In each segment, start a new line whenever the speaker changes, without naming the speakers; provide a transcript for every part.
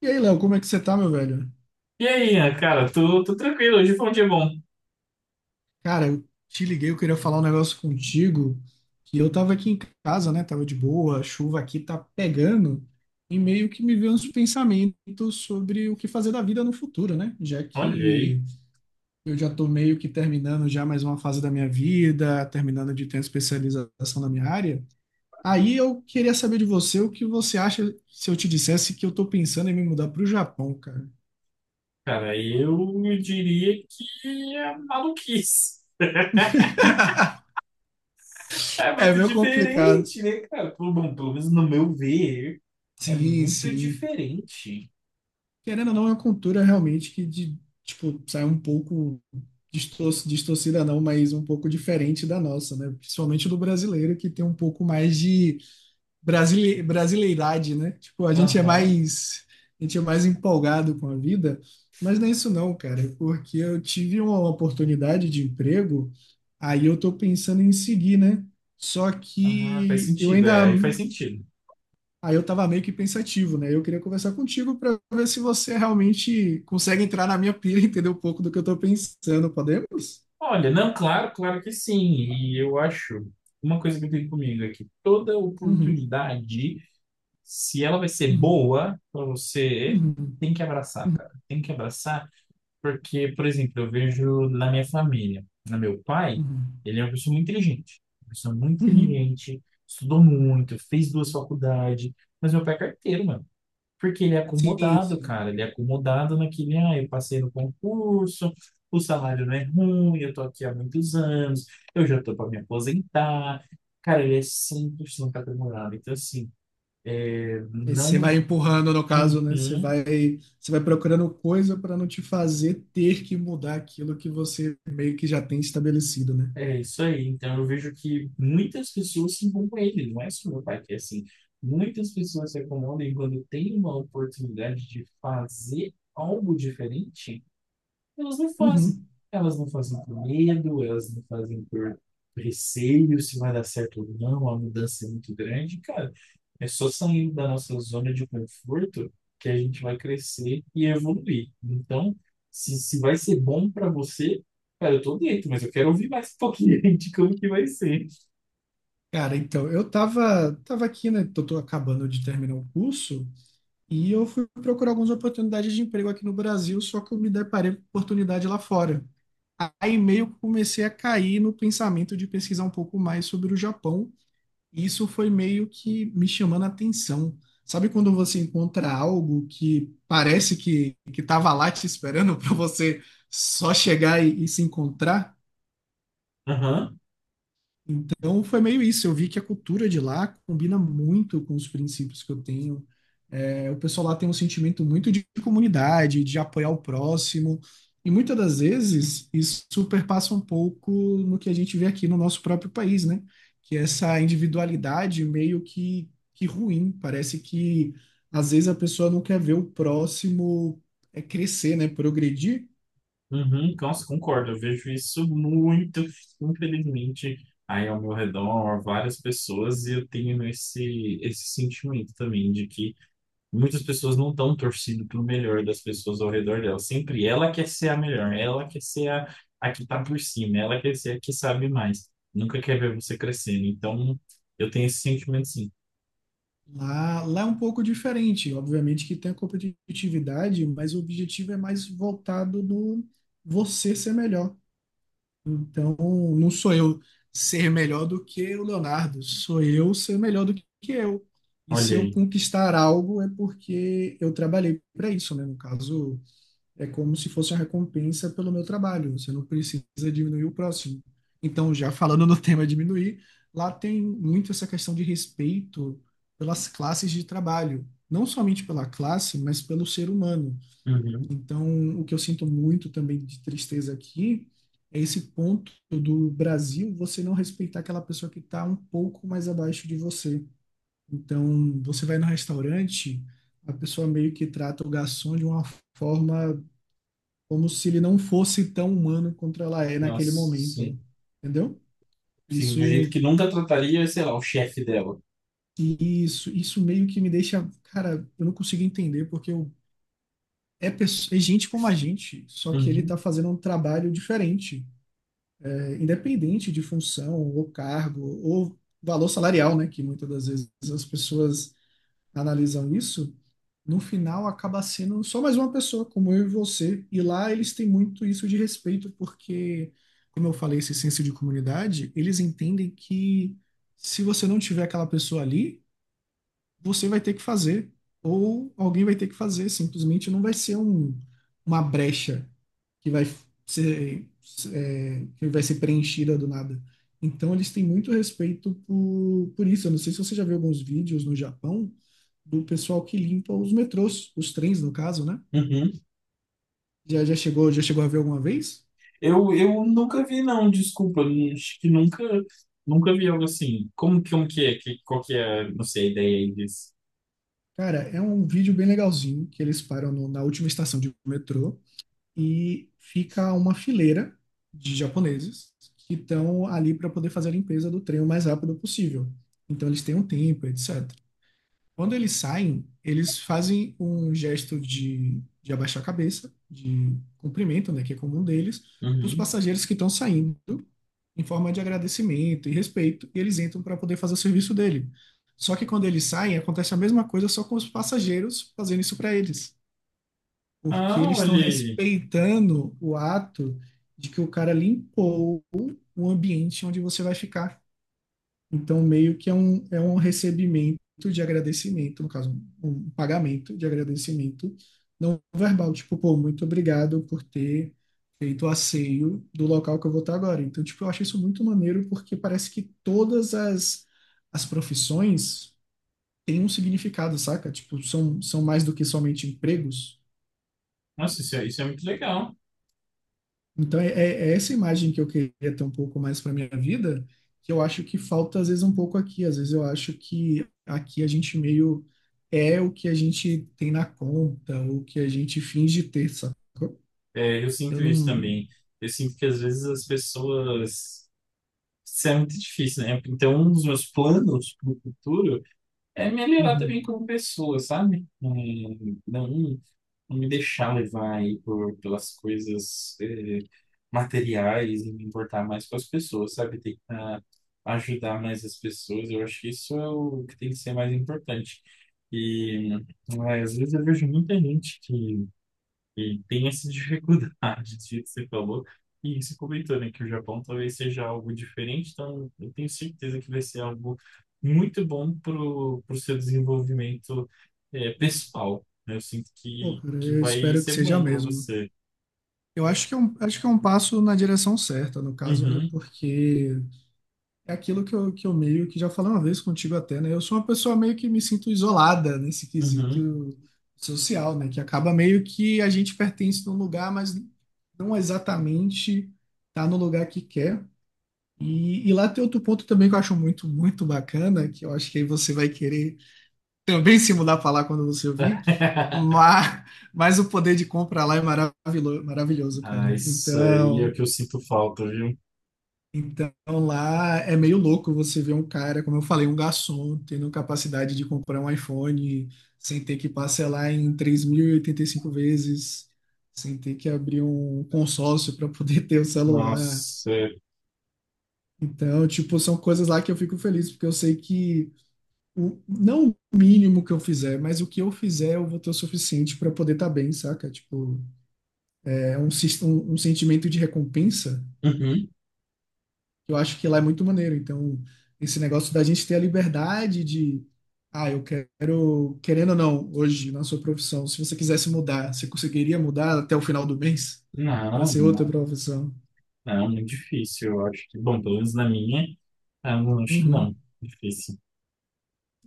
E aí, Léo, como é que você tá, meu velho?
E aí, Ian, cara, tô tranquilo, hoje foi um dia bom.
Cara, eu te liguei, eu queria falar um negócio contigo, que eu tava aqui em casa, né? Tava de boa, a chuva aqui tá pegando, e meio que me veio uns pensamentos sobre o que fazer da vida no futuro, né? Já
Olha aí,
que eu já tô meio que terminando já mais uma fase da minha vida, terminando de ter a especialização na minha área. Aí eu queria saber de você o que você acha se eu te dissesse que eu tô pensando em me mudar pro Japão, cara.
cara, eu diria que é maluquice. É
É
muito
meio complicado.
diferente, né, cara? Bom, pelo menos no meu ver, é
Sim,
muito
sim.
diferente.
Querendo ou não, é uma cultura realmente que de, tipo, sai um pouco distorcida não, mas um pouco diferente da nossa, né? Principalmente do brasileiro, que tem um pouco mais de brasileiridade, né? Tipo, a gente é
Aham.
mais, a gente é mais empolgado com a vida, mas não é isso não, cara, porque eu tive uma oportunidade de emprego, aí eu tô pensando em seguir, né? Só
Ah, faz
que eu
sentido,
ainda.
é, aí faz sentido.
Aí eu estava meio que pensativo, né? Eu queria conversar contigo para ver se você realmente consegue entrar na minha pilha e entender um pouco do que eu estou pensando. Podemos?
Olha, não, claro, claro que sim, e eu acho, uma coisa que eu tenho comigo é que toda
Uhum,
oportunidade, se ela vai ser
uhum,
boa pra você,
uhum,
tem que abraçar,
uhum,
cara, tem que abraçar. Porque, por exemplo, eu vejo na minha família, no meu pai,
uhum,
ele é uma pessoa muito inteligente, uma pessoa muito
uhum.
inteligente, estudou muito, fez duas faculdades, mas meu pai é carteiro, mano. Porque ele é
Sim,
acomodado,
sim.
cara, ele é acomodado naquele, ah, eu passei no concurso, o salário não é ruim, eu tô aqui há muitos anos, eu já tô para me aposentar. Cara, ele é 100% acomodado. Então, assim, é,
E você
não.
vai empurrando, no caso, né? Você
Uhum.
vai, você vai procurando coisa para não te fazer ter que mudar aquilo que você meio que já tem estabelecido, né?
É isso aí. Então eu vejo que muitas pessoas se incomodam com ele, não é só meu pai que é assim. Muitas pessoas se incomodam e quando tem uma oportunidade de fazer algo diferente, elas não fazem.
Uhum.
Elas não fazem por medo, elas não fazem por receio se vai dar certo ou não, a mudança é muito grande. Cara, é só saindo da nossa zona de conforto que a gente vai crescer e evoluir. Então, se vai ser bom para você, cara, eu tô dentro, mas eu quero ouvir mais um pouquinho de como que vai ser.
Cara, então, eu tava aqui, né? Tô acabando de terminar o curso. E eu fui procurar algumas oportunidades de emprego aqui no Brasil, só que eu me deparei com oportunidade lá fora. Aí meio que comecei a cair no pensamento de pesquisar um pouco mais sobre o Japão. E isso foi meio que me chamando a atenção. Sabe quando você encontra algo que parece que estava lá te esperando para você só chegar e se encontrar?
Aham.
Então foi meio isso. Eu vi que a cultura de lá combina muito com os princípios que eu tenho. É, o pessoal lá tem um sentimento muito de comunidade, de apoiar o próximo. E muitas das vezes isso superpassa um pouco no que a gente vê aqui no nosso próprio país, né? Que é essa individualidade meio que ruim. Parece que às vezes a pessoa não quer ver o próximo crescer, né? Progredir.
Uhum, nossa, concordo. Eu vejo isso muito, infelizmente, aí ao meu redor, várias pessoas, e eu tenho esse sentimento também de que muitas pessoas não estão torcendo pelo melhor das pessoas ao redor dela. Sempre ela quer ser a melhor, ela quer ser a que está por cima, ela quer ser a que sabe mais. Nunca quer ver você crescendo. Então, eu tenho esse sentimento sim.
Lá é um pouco diferente, obviamente que tem a competitividade, mas o objetivo é mais voltado no você ser melhor. Então, não sou eu ser melhor do que o Leonardo, sou eu ser melhor do que eu. E
Olha
se eu
aí.
conquistar algo é porque eu trabalhei para isso, né? No caso, é como se fosse uma recompensa pelo meu trabalho. Você não precisa diminuir o próximo. Então, já falando no tema diminuir, lá tem muito essa questão de respeito pelas classes de trabalho. Não somente pela classe, mas pelo ser humano.
Uhum.
Então, o que eu sinto muito também de tristeza aqui é esse ponto do Brasil você não respeitar aquela pessoa que está um pouco mais abaixo de você. Então, você vai no restaurante, a pessoa meio que trata o garçom de uma forma como se ele não fosse tão humano quanto ela é naquele
Nossa, sim.
momento, entendeu?
Sim, do jeito
Isso,
que nunca trataria, sei lá, o chefe dela.
isso meio que me deixa, cara, eu não consigo entender porque eu, é gente como a gente, só que ele tá
Uhum.
fazendo um trabalho diferente, independente de função ou cargo ou valor salarial, né? Que muitas das vezes as pessoas analisam isso. No final acaba sendo só mais uma pessoa, como eu e você. E lá eles têm muito isso de respeito, porque, como eu falei, esse senso de comunidade, eles entendem que se você não tiver aquela pessoa ali, você vai ter que fazer, ou alguém vai ter que fazer, simplesmente não vai ser um, uma brecha que vai ser, ser preenchida do nada. Então, eles têm muito respeito por isso. Eu não sei se você já viu alguns vídeos no Japão do pessoal que limpa os metrôs, os trens, no caso, né?
Uhum.
Já chegou a ver alguma vez?
Eu nunca vi, não, desculpa, acho que nunca, nunca vi algo assim. Como, como que é? Que, qual que é, não sei, a ideia aí disso?
Cara, é um vídeo bem legalzinho que eles param na última estação de metrô e fica uma fileira de japoneses que estão ali para poder fazer a limpeza do trem o mais rápido possível. Então eles têm um tempo, etc. Quando eles saem, eles fazem um gesto de abaixar a cabeça, de cumprimento, né, que é comum deles, para os
Uhum.
passageiros que estão saindo, em forma de agradecimento e respeito, e eles entram para poder fazer o serviço dele. Só que quando eles saem, acontece a mesma coisa, só com os passageiros fazendo isso para eles, porque
Ah,
eles estão
olha aí.
respeitando o ato de que o cara limpou o ambiente onde você vai ficar. Então, meio que é um recebimento de agradecimento, no caso, um pagamento de agradecimento não verbal. Tipo, pô, muito obrigado por ter feito o asseio do local que eu vou estar agora. Então, tipo, eu acho isso muito maneiro porque parece que todas as, as profissões têm um significado, saca? Tipo, são, são mais do que somente empregos.
Nossa, isso é muito legal.
Então, é essa imagem que eu queria ter um pouco mais para minha vida, que eu acho que falta às vezes um pouco aqui. Às vezes eu acho que aqui a gente meio é o que a gente tem na conta, ou o que a gente finge ter, sacou?
É, eu
Eu
sinto isso
não.
também. Eu sinto que às vezes as pessoas... Isso é muito difícil, né? Então, um dos meus planos para o futuro é melhorar
Uhum.
também como pessoa, sabe? É, não, não me deixar levar aí por, pelas coisas é, materiais e me importar mais com as pessoas, sabe? Tentar ajudar mais as pessoas. Eu acho que isso é o que tem que ser mais importante. E é, às vezes eu vejo muita gente que e tem essa dificuldade do jeito que você falou. E você comentou, né, que o Japão talvez seja algo diferente, então eu tenho certeza que vai ser algo muito bom para o seu desenvolvimento é, pessoal. Né? Eu sinto
Pô, cara,
que
eu
vai
espero que
ser
seja
bom para
mesmo.
você.
Eu acho que é um passo na direção certa, no caso, né?
Uhum,
Porque é aquilo que eu meio que já falei uma vez contigo até, né? Eu sou uma pessoa meio que me sinto isolada nesse
uhum.
quesito social, né? Que acaba meio que a gente pertence num lugar, mas não exatamente tá no lugar que quer. E lá tem outro ponto também que eu acho muito, muito bacana, que eu acho que aí você vai querer também se mudar para lá quando você ouvir, mas, mas, o poder de compra lá é maravilhoso,
Ah,
cara.
isso aí é o
Então.
que eu sinto falta, viu?
Então lá é meio louco você ver um cara, como eu falei, um garçom tendo capacidade de comprar um iPhone sem ter que parcelar em três mil e oitenta e cinco vezes, sem ter que abrir um consórcio para poder ter o celular.
Nossa.
Então, tipo, são coisas lá que eu fico feliz, porque eu sei que o, não o mínimo que eu fizer, mas o que eu fizer eu vou ter o suficiente para poder estar bem, saca? Tipo, é um sentimento de recompensa.
Uhum.
Eu acho que lá é muito maneiro. Então, esse negócio da gente ter a liberdade de, ah, eu quero, querendo ou não, hoje na sua profissão, se você quisesse mudar, você conseguiria mudar até o final do mês
Não,
para ser outra
não,
profissão?
não, muito difícil, eu acho que, bom, pelo menos na minha, ah, não, acho que não,
Uhum.
difícil.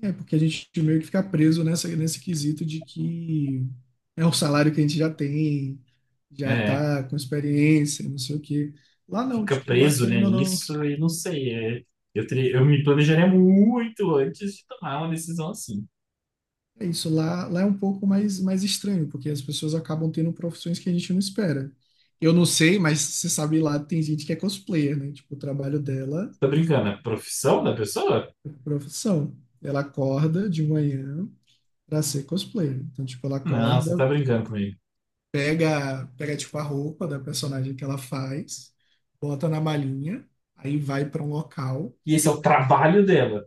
É porque a gente meio que fica preso nesse quesito de que é um salário que a gente já tem, já
É,
tá com experiência, não sei o quê. Lá não,
fica
tipo, lá
preso, né,
querendo ou não.
nisso e não sei. É, eu, eu me planejaria muito antes de tomar uma decisão assim.
É isso, lá é um pouco mais, mais estranho, porque as pessoas acabam tendo profissões que a gente não espera. Eu não sei, mas você sabe lá, tem gente que é cosplayer, né? Tipo, o trabalho dela
Você tá brincando? É a profissão da pessoa?
é profissão. Ela acorda de manhã pra ser cosplayer. Então, tipo, ela
Não, você tá
acorda,
brincando comigo.
pega tipo, a roupa da personagem que ela faz, bota na malinha, aí vai pra um local.
E esse é o trabalho dela?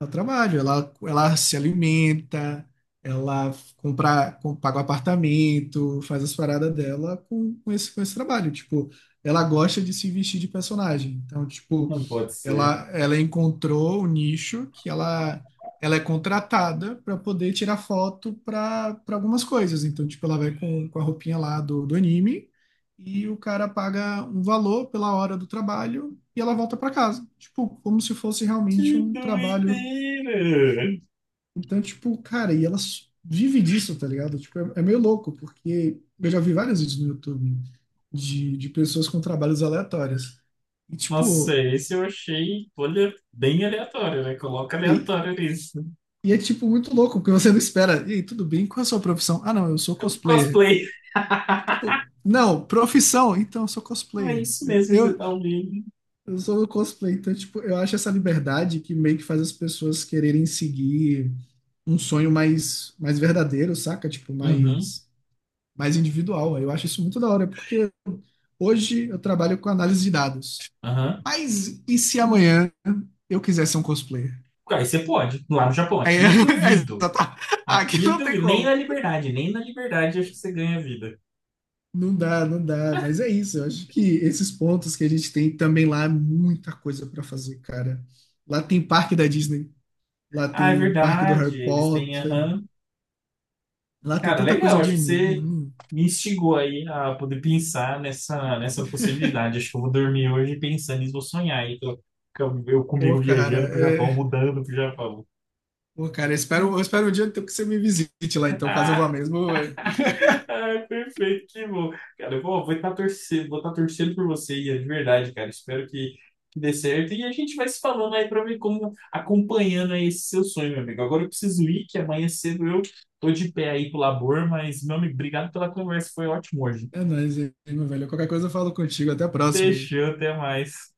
Ela trabalha, ela se alimenta, ela compra, com- paga o apartamento, faz as paradas dela com, com esse trabalho. Tipo, ela gosta de se vestir de personagem. Então, tipo,
Não pode ser.
ela encontrou o nicho que ela é contratada para poder tirar foto para algumas coisas. Então, tipo, ela vai com a roupinha lá do anime e o cara paga um valor pela hora do trabalho e ela volta para casa. Tipo, como se fosse
Que
realmente um trabalho.
doideira!
Então, tipo, cara, e elas vivem disso, tá ligado? Tipo, é, é meio louco, porque eu já vi vários vídeos no YouTube de pessoas com trabalhos aleatórios. E,
Nossa,
tipo,
esse eu achei, olha, bem aleatório, né? Coloca
e,
aleatório nisso.
e é, tipo, muito louco, porque você não espera. E aí, tudo bem? Qual é a sua profissão? Ah, não, eu sou
É um
cosplayer.
cosplay.
Tipo, não, profissão? Então, eu sou
Não é
cosplayer.
isso
Eu,
mesmo que você
eu,
tá ouvindo.
eu sou um cosplayer. Então, tipo, eu acho essa liberdade que meio que faz as pessoas quererem seguir um sonho mais, mais verdadeiro, saca? Tipo,
Uhum,
mais individual. Eu acho isso muito da hora, porque hoje eu trabalho com análise de dados.
aham.
Mas e se amanhã eu quiser ser um cosplayer?
Aí você pode, lá no Japão.
Aí,
Aqui
é
duvido.
exata- aqui
Aqui,
não tem
nem na
como.
Liberdade, nem na Liberdade acho que você ganha vida.
Não dá, não dá. Mas é isso. Eu acho que esses pontos que a gente tem também lá é muita coisa para fazer, cara. Lá tem parque da Disney, lá
Ah, é
tem o parque do Harry
verdade, eles têm,
Potter,
aham.
lá tem
Cara,
tanta coisa
legal,
de
acho que você
anime.
me instigou aí a poder pensar nessa possibilidade. Acho que eu vou dormir hoje pensando e vou sonhar aí. Eu
Pô,
comigo
cara,
viajando pro
é...
Japão, mudando pro Japão.
Pô, cara, eu espero um dia que você me visite lá, então, caso eu vá mesmo, é,
Ai, perfeito, que bom. Cara, eu vou estar torcendo, vou tá torcendo por você, Ian, de verdade, cara. Espero que dê certo. E a gente vai se falando aí pra ver como acompanhando aí esse seu sonho, meu amigo. Agora eu preciso ir, que amanhã cedo eu tô de pé aí pro labor, mas, meu amigo, obrigado pela conversa, foi ótimo hoje.
é nóis aí, meu velho. Qualquer coisa eu falo contigo. Até a próxima.
Fechou, até mais.